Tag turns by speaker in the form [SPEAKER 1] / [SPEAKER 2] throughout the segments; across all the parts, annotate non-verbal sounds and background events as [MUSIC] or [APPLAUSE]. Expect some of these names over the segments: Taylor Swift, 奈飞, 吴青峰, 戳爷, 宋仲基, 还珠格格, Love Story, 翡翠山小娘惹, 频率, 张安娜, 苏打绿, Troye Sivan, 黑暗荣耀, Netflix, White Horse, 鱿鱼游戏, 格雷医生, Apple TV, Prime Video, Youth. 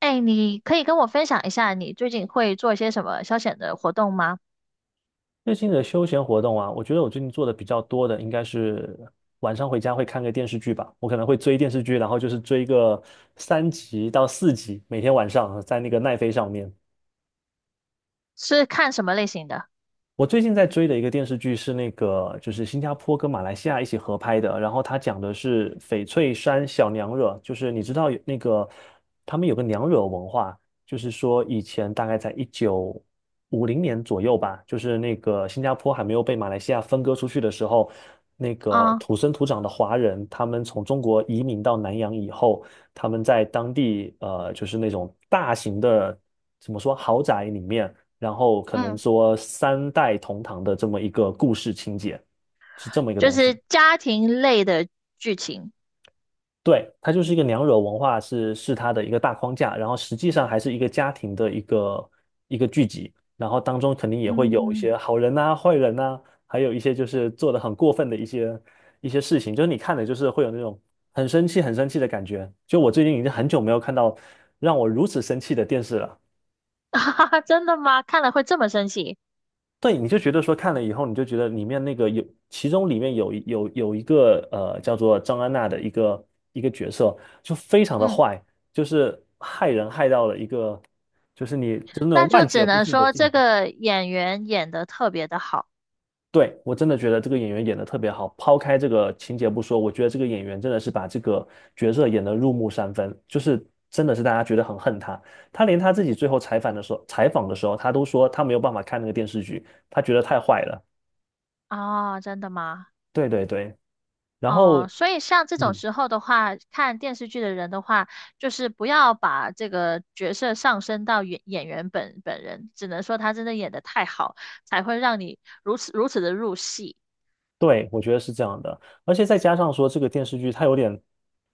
[SPEAKER 1] 哎，你可以跟我分享一下你最近会做一些什么消遣的活动吗？
[SPEAKER 2] 最近的休闲活动啊，我觉得我最近做的比较多的应该是晚上回家会看个电视剧吧。我可能会追电视剧，然后就是追个3集到4集，每天晚上在那个奈飞上面。
[SPEAKER 1] 是看什么类型的？
[SPEAKER 2] 我最近在追的一个电视剧是那个，就是新加坡跟马来西亚一起合拍的，然后它讲的是翡翠山小娘惹，就是你知道有那个他们有个娘惹文化，就是说以前大概在1950年左右吧，就是那个新加坡还没有被马来西亚分割出去的时候，那个
[SPEAKER 1] 啊。
[SPEAKER 2] 土生土长的华人，他们从中国移民到南洋以后，他们在当地就是那种大型的怎么说豪宅里面。然后可能
[SPEAKER 1] 嗯。
[SPEAKER 2] 说三代同堂的这么一个故事情节，是这么一个
[SPEAKER 1] 就
[SPEAKER 2] 东西。
[SPEAKER 1] 是家庭类的剧情。
[SPEAKER 2] 对，它就是一个娘惹文化是它的一个大框架，然后实际上还是一个家庭的一个聚集，然后当中肯定也会有一
[SPEAKER 1] 嗯。
[SPEAKER 2] 些好人呐、坏人呐、还有一些就是做的很过分的一些事情，就是你看的就是会有那种很生气、很生气的感觉。就我最近已经很久没有看到让我如此生气的电视了。
[SPEAKER 1] [LAUGHS] 哈哈，真的吗？看了会这么生气？
[SPEAKER 2] 对，你就觉得说看了以后，你就觉得里面那个有，其中里面有一个叫做张安娜的一个角色，就非常的
[SPEAKER 1] 嗯。
[SPEAKER 2] 坏，就是害人害到了一个，就是你就是那种
[SPEAKER 1] 那就
[SPEAKER 2] 万劫
[SPEAKER 1] 只
[SPEAKER 2] 不
[SPEAKER 1] 能
[SPEAKER 2] 复的
[SPEAKER 1] 说
[SPEAKER 2] 境
[SPEAKER 1] 这
[SPEAKER 2] 地。
[SPEAKER 1] 个演员演的特别的好。
[SPEAKER 2] 对，我真的觉得这个演员演的特别好，抛开这个情节不说，我觉得这个演员真的是把这个角色演得入木三分，就是真的是大家觉得很恨他。他连他自己最后采访的时候，采访的时候，他都说他没有办法看那个电视剧，他觉得太坏了。
[SPEAKER 1] 啊，真的吗？
[SPEAKER 2] 对对对。然后，
[SPEAKER 1] 哦，所以像这种
[SPEAKER 2] 嗯，
[SPEAKER 1] 时候的话，看电视剧的人的话，就是不要把这个角色上升到演员本人，只能说他真的演的太好，才会让你如此的入戏。
[SPEAKER 2] 对，我觉得是这样的，而且再加上说这个电视剧它有点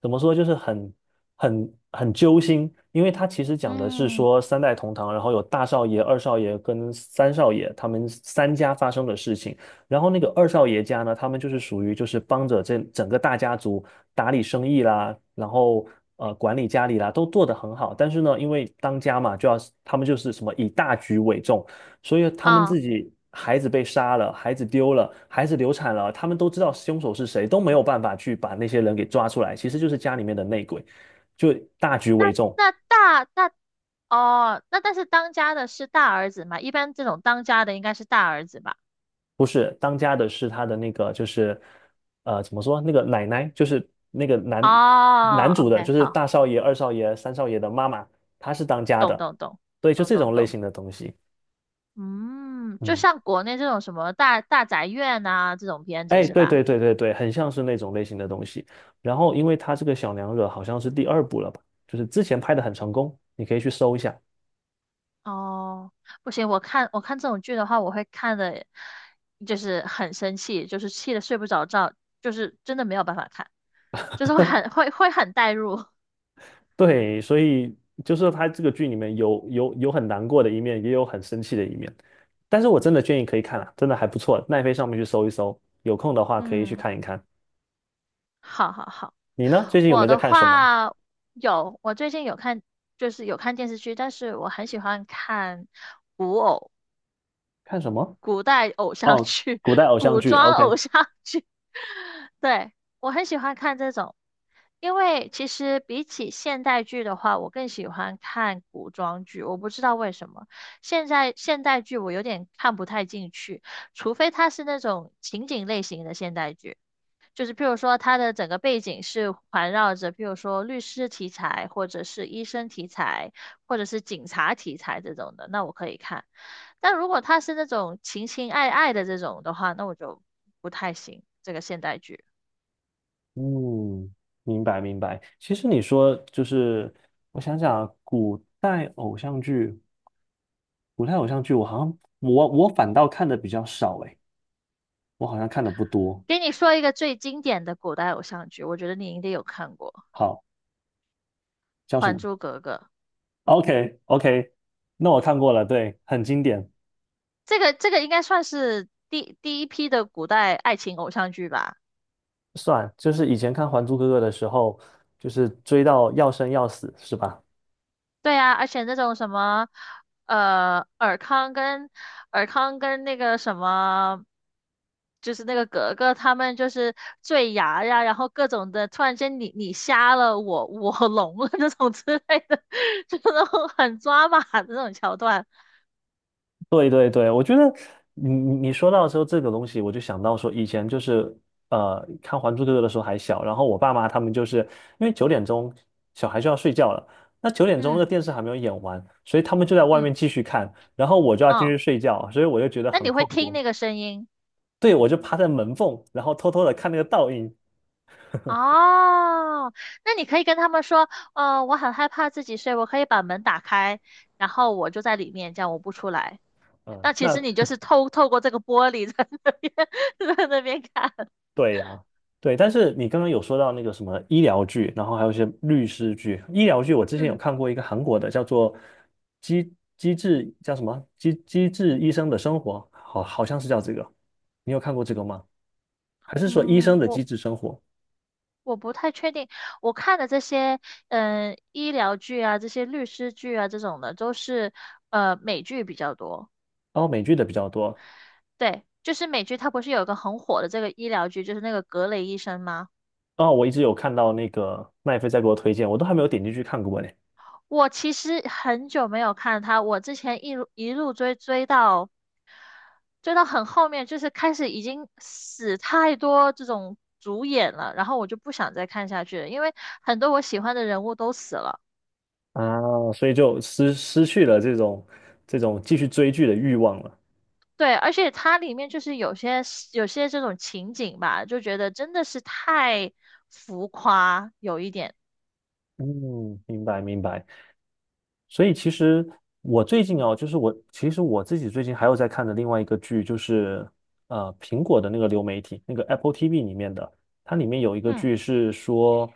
[SPEAKER 2] 怎么说，就是很揪心，因为它其实讲的是
[SPEAKER 1] 嗯。
[SPEAKER 2] 说三代同堂，然后有大少爷、二少爷跟三少爷他们三家发生的事情，然后那个二少爷家呢，他们就是属于就是帮着这整个大家族打理生意啦，然后管理家里啦，都做得很好，但是呢，因为当家嘛，就要他们就是什么以大局为重。所以他们
[SPEAKER 1] 啊，
[SPEAKER 2] 自己孩子被杀了，孩子丢了，孩子流产了，他们都知道凶手是谁，都没有办法去把那些人给抓出来。其实就是家里面的内鬼，就大局
[SPEAKER 1] 那
[SPEAKER 2] 为重，
[SPEAKER 1] 那大那哦，那但是当家的是大儿子嘛，一般这种当家的应该是大儿子吧？
[SPEAKER 2] 不是当家的是他的那个就是怎么说那个奶奶，就是那个男
[SPEAKER 1] 哦
[SPEAKER 2] 男主的，
[SPEAKER 1] ，OK，
[SPEAKER 2] 就是
[SPEAKER 1] 好。
[SPEAKER 2] 大少爷、二少爷、三少爷的妈妈，她是当家
[SPEAKER 1] 懂
[SPEAKER 2] 的，
[SPEAKER 1] 懂懂。
[SPEAKER 2] 对，就
[SPEAKER 1] 懂
[SPEAKER 2] 这
[SPEAKER 1] 懂
[SPEAKER 2] 种类
[SPEAKER 1] 懂。
[SPEAKER 2] 型的东西，
[SPEAKER 1] 嗯，就
[SPEAKER 2] 嗯。
[SPEAKER 1] 像国内这种什么大宅院啊这种片子
[SPEAKER 2] 哎，
[SPEAKER 1] 是
[SPEAKER 2] 对
[SPEAKER 1] 吧？
[SPEAKER 2] 对对对对，很像是那种类型的东西。然后，因为他这个小娘惹好像是第二部了吧，就是之前拍的很成功，你可以去搜一下。
[SPEAKER 1] 哦，不行，我看这种剧的话，我会看的，就是很生气，就是气的睡不着觉，就是真的没有办法看，就是会很代入。[LAUGHS]
[SPEAKER 2] 对，所以就是他这个剧里面有很难过的一面，也有很生气的一面。但是我真的建议可以看啊，真的还不错，奈飞上面去搜一搜，有空的话可以去
[SPEAKER 1] 嗯，
[SPEAKER 2] 看一看。
[SPEAKER 1] 好好好。
[SPEAKER 2] 你呢？最近有没
[SPEAKER 1] 我
[SPEAKER 2] 有在
[SPEAKER 1] 的
[SPEAKER 2] 看什么？
[SPEAKER 1] 话有，我最近有看，就是有看电视剧，但是我很喜欢看。古偶。
[SPEAKER 2] 看什么？
[SPEAKER 1] 古代偶像
[SPEAKER 2] 哦，
[SPEAKER 1] 剧、
[SPEAKER 2] 古代
[SPEAKER 1] [LAUGHS]
[SPEAKER 2] 偶像
[SPEAKER 1] 古
[SPEAKER 2] 剧
[SPEAKER 1] 装
[SPEAKER 2] ，OK。
[SPEAKER 1] 偶像剧。对，我很喜欢看这种，因为其实比起现代剧的话，我更喜欢看古装剧。我不知道为什么，现代剧我有点看不太进去，除非它是那种情景类型的现代剧。就是譬如说，它的整个背景是环绕着，譬如说律师题材，或者是医生题材，或者是警察题材这种的，那我可以看。但如果它是那种情爱的这种的话，那我就不太行。这个现代剧，
[SPEAKER 2] 嗯，明白明白。其实你说就是，我想想啊，古代偶像剧，古代偶像剧，我好像我反倒看的比较少诶，我好像看的不多。
[SPEAKER 1] 给你说一个最经典的古代偶像剧，我觉得你应该有看过
[SPEAKER 2] 好，叫什
[SPEAKER 1] 《还
[SPEAKER 2] 么
[SPEAKER 1] 珠格格》。
[SPEAKER 2] ？OK OK,那我看过了，对，很经典，
[SPEAKER 1] 这个这个应该算是第一批的古代爱情偶像剧吧。
[SPEAKER 2] 算，就是以前看《还珠格格》的时候，就是追到要生要死，是吧？
[SPEAKER 1] 对呀，而且那种什么，尔康跟尔康跟那个什么，就是那个格格他们就是坠崖呀，然后各种的，突然间你瞎了，我聋了那种之类的，[LAUGHS] 就那种很抓马的那种桥段。
[SPEAKER 2] 对对对，我觉得你说到时候这个东西，我就想到说以前就是看《还珠格格》的时候还小，然后我爸妈他们就是因为九点钟小孩就要睡觉了，那九点钟那个
[SPEAKER 1] 嗯。
[SPEAKER 2] 电视还没有演完，所以他们就在外
[SPEAKER 1] 嗯。
[SPEAKER 2] 面继续看，然后我就要进去
[SPEAKER 1] 哦，
[SPEAKER 2] 睡觉，所以我就觉得
[SPEAKER 1] 那
[SPEAKER 2] 很
[SPEAKER 1] 你会
[SPEAKER 2] 困
[SPEAKER 1] 听
[SPEAKER 2] 惑。
[SPEAKER 1] 那个声音。
[SPEAKER 2] 对，我就趴在门缝，然后偷偷的看那个倒影，
[SPEAKER 1] 哦？那你可以跟他们说，我很害怕自己睡，我可以把门打开，然后我就在里面，这样我不出来。
[SPEAKER 2] 嗯，
[SPEAKER 1] 那其实
[SPEAKER 2] 那
[SPEAKER 1] 你就是透过这个玻璃 [LAUGHS] 在那边 [LAUGHS] 在那边看。
[SPEAKER 2] 对呀，对，但是你刚刚有说到那个什么医疗剧，然后还有一些律师剧。医疗剧我之前有
[SPEAKER 1] 嗯。
[SPEAKER 2] 看过一个韩国的，叫做机机智叫什么机智医生的生活，好像是叫这个。你有看过这个吗？还是说医
[SPEAKER 1] 嗯，
[SPEAKER 2] 生的机
[SPEAKER 1] 我
[SPEAKER 2] 智生活？
[SPEAKER 1] 我不太确定，我看的这些医疗剧啊，这些律师剧啊这种的，都是美剧比较多。
[SPEAKER 2] 哦，美剧的比较多。
[SPEAKER 1] 对，就是美剧它不是有一个很火的这个医疗剧，就是那个格雷医生吗？
[SPEAKER 2] 哦，我一直有看到那个麦飞在给我推荐，我都还没有点进去看过呢。
[SPEAKER 1] 我其实很久没有看它，我之前一路追到追到很后面，就是开始已经死太多这种主演了，然后我就不想再看下去了，因为很多我喜欢的人物都死了。
[SPEAKER 2] 啊，所以就失去了这种继续追剧的欲望了。
[SPEAKER 1] 对，而且它里面就是有些这种情景吧，就觉得真的是太浮夸，有一点。
[SPEAKER 2] 嗯，明白明白。所以其实我最近哦，就是我其实我自己最近还有在看的另外一个剧，就是苹果的那个流媒体，那个 Apple TV 里面的，它里面有一个
[SPEAKER 1] 嗯。
[SPEAKER 2] 剧是说，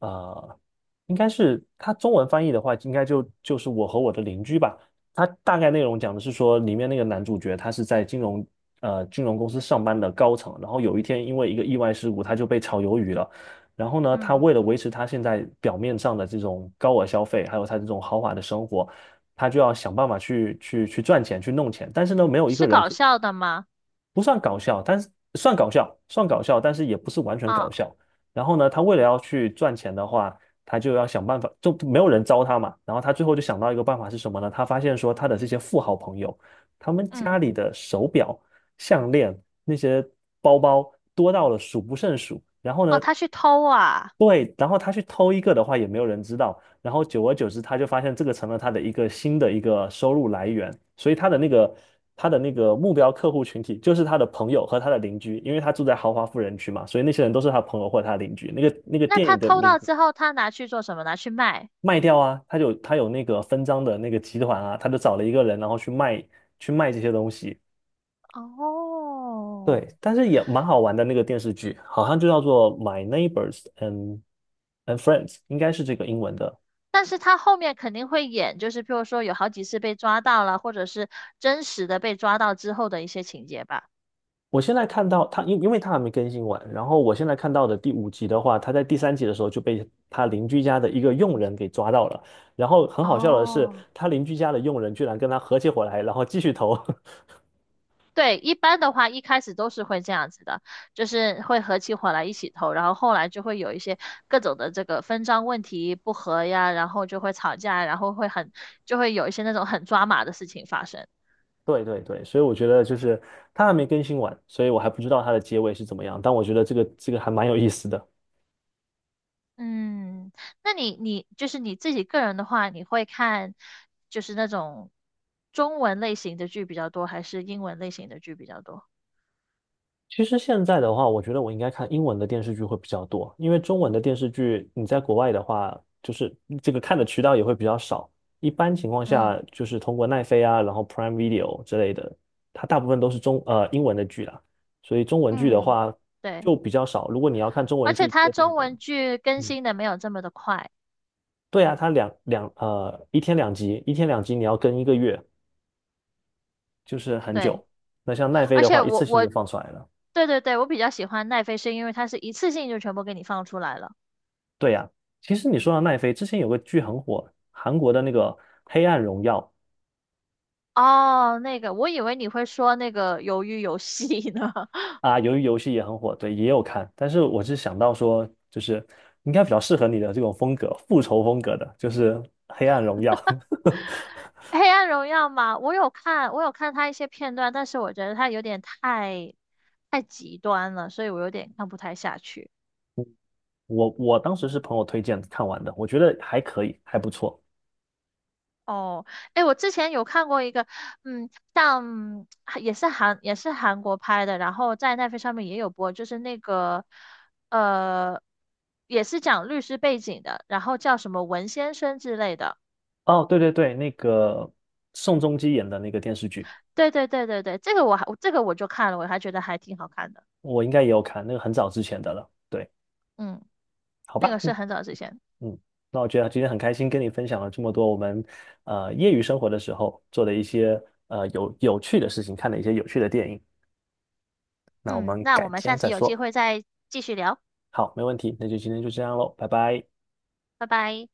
[SPEAKER 2] 呃，应该是它中文翻译的话，应该就是我和我的邻居吧。它大概内容讲的是说，里面那个男主角他是在金融公司上班的高层，然后有一天因为一个意外事故，他就被炒鱿鱼了。然后呢，他
[SPEAKER 1] 嗯，
[SPEAKER 2] 为了维持他现在表面上的这种高额消费，还有他这种豪华的生活，他就要想办法去赚钱，去弄钱。但是呢，没有一个
[SPEAKER 1] 是
[SPEAKER 2] 人
[SPEAKER 1] 搞
[SPEAKER 2] 可
[SPEAKER 1] 笑的吗？
[SPEAKER 2] 不算搞笑，但是算搞笑，算搞笑，但是也不是完全搞
[SPEAKER 1] 啊。
[SPEAKER 2] 笑。然后呢，他为了要去赚钱的话，他就要想办法，就没有人招他嘛。然后他最后就想到一个办法是什么呢？他发现说他的这些富豪朋友，他们
[SPEAKER 1] 嗯。
[SPEAKER 2] 家里的手表、项链、那些包包多到了数不胜数。然后
[SPEAKER 1] 哦，
[SPEAKER 2] 呢，
[SPEAKER 1] 他去偷啊。
[SPEAKER 2] 对，然后他去偷一个的话，也没有人知道。然后久而久之，他就发现这个成了他的一个新的一个收入来源，所以他的那个目标客户群体就是他的朋友和他的邻居，因为他住在豪华富人区嘛，所以那些人都是他朋友或者他的邻居。那个
[SPEAKER 1] 那
[SPEAKER 2] 电影
[SPEAKER 1] 他
[SPEAKER 2] 的
[SPEAKER 1] 偷
[SPEAKER 2] 名
[SPEAKER 1] 到
[SPEAKER 2] 字
[SPEAKER 1] 之后，他拿去做什么？拿去卖。
[SPEAKER 2] 卖掉啊，他有那个分赃的那个集团啊，他就找了一个人，然后去卖这些东西。
[SPEAKER 1] 哦，
[SPEAKER 2] 对，但是也蛮好玩的那个电视剧，好像就叫做《My Neighbors and Friends》,应该是这个英文的
[SPEAKER 1] 但是他后面肯定会演，就是譬如说有好几次被抓到了，或者是真实的被抓到之后的一些情节吧。
[SPEAKER 2] 我现在看到他，因为他还没更新完，然后我现在看到的第5集的话，他在第三集的时候就被他邻居家的一个佣人给抓到了，然后很好笑的是，
[SPEAKER 1] 哦，
[SPEAKER 2] 他邻居家的佣人居然跟他合起伙来，然后继续投。[LAUGHS]
[SPEAKER 1] 对，一般的话一开始都是会这样子的，就是会合起伙来一起投，然后后来就会有一些各种的这个分赃问题不和呀，然后就会吵架，然后会很，就会有一些那种很抓马的事情发生。
[SPEAKER 2] 对对对，所以我觉得就是他还没更新完，所以我还不知道他的结尾是怎么样，但我觉得这个还蛮有意思的。
[SPEAKER 1] 嗯，那你就是你自己个人的话，你会看就是那种中文类型的剧比较多，还是英文类型的剧比较多？
[SPEAKER 2] 其实现在的话，我觉得我应该看英文的电视剧会比较多，因为中文的电视剧你在国外的话，就是这个看的渠道也会比较少。一般情况下，
[SPEAKER 1] 嗯。
[SPEAKER 2] 就是通过奈飞啊，然后 Prime Video 之类的，它大部分都是英文的剧啦，所以中文剧的
[SPEAKER 1] 嗯，
[SPEAKER 2] 话
[SPEAKER 1] 对，
[SPEAKER 2] 就比较少。如果你要看中
[SPEAKER 1] 而
[SPEAKER 2] 文
[SPEAKER 1] 且
[SPEAKER 2] 剧
[SPEAKER 1] 它
[SPEAKER 2] 特定
[SPEAKER 1] 中
[SPEAKER 2] 的，
[SPEAKER 1] 文剧更
[SPEAKER 2] 嗯，
[SPEAKER 1] 新的没有这么的快。
[SPEAKER 2] 对啊，它两两呃一天两集，一天两集你要跟一个月，就是很
[SPEAKER 1] 对，
[SPEAKER 2] 久。那像奈飞
[SPEAKER 1] 而
[SPEAKER 2] 的
[SPEAKER 1] 且
[SPEAKER 2] 话，一
[SPEAKER 1] 我
[SPEAKER 2] 次性
[SPEAKER 1] 我
[SPEAKER 2] 就放出来了。
[SPEAKER 1] 对，我比较喜欢奈飞，是因为它是一次性就全部给你放出来了。
[SPEAKER 2] 对呀，其实你说到奈飞，之前有个剧很火，韩国的那个《黑暗荣耀》
[SPEAKER 1] 哦，那个，我以为你会说那个《鱿鱼游戏》呢。
[SPEAKER 2] 啊，由于游戏也很火，对，也有看。但是我是想到说，就是应该比较适合你的这种风格，复仇风格的，就是《黑暗荣耀》
[SPEAKER 1] 黑暗荣耀嘛，我有看，我有看他一些片段，但是我觉得他有点太极端了，所以我有点看不太下去。
[SPEAKER 2] [LAUGHS] 我当时是朋友推荐看完的，我觉得还可以，还不错。
[SPEAKER 1] 哦，哎，我之前有看过一个，嗯，像也是韩国拍的，然后在奈飞上面也有播，就是那个呃，也是讲律师背景的，然后叫什么文先生之类的。
[SPEAKER 2] 哦，对对对，那个宋仲基演的那个电视剧，
[SPEAKER 1] 对，这个我还这个我就看了，我还觉得还挺好看的。
[SPEAKER 2] 我应该也有看，那个很早之前的了。对，
[SPEAKER 1] 嗯，
[SPEAKER 2] 好
[SPEAKER 1] 那
[SPEAKER 2] 吧。
[SPEAKER 1] 个是
[SPEAKER 2] 嗯。
[SPEAKER 1] 很早之前。
[SPEAKER 2] 嗯，那我觉得今天很开心跟你分享了这么多我们业余生活的时候做的一些有趣的事情，看的一些有趣的电影。那我
[SPEAKER 1] 嗯，
[SPEAKER 2] 们
[SPEAKER 1] 那我
[SPEAKER 2] 改
[SPEAKER 1] 们下
[SPEAKER 2] 天
[SPEAKER 1] 次
[SPEAKER 2] 再
[SPEAKER 1] 有机
[SPEAKER 2] 说。
[SPEAKER 1] 会再继续聊。
[SPEAKER 2] 好，没问题，那就今天就这样喽，拜拜。
[SPEAKER 1] 拜拜。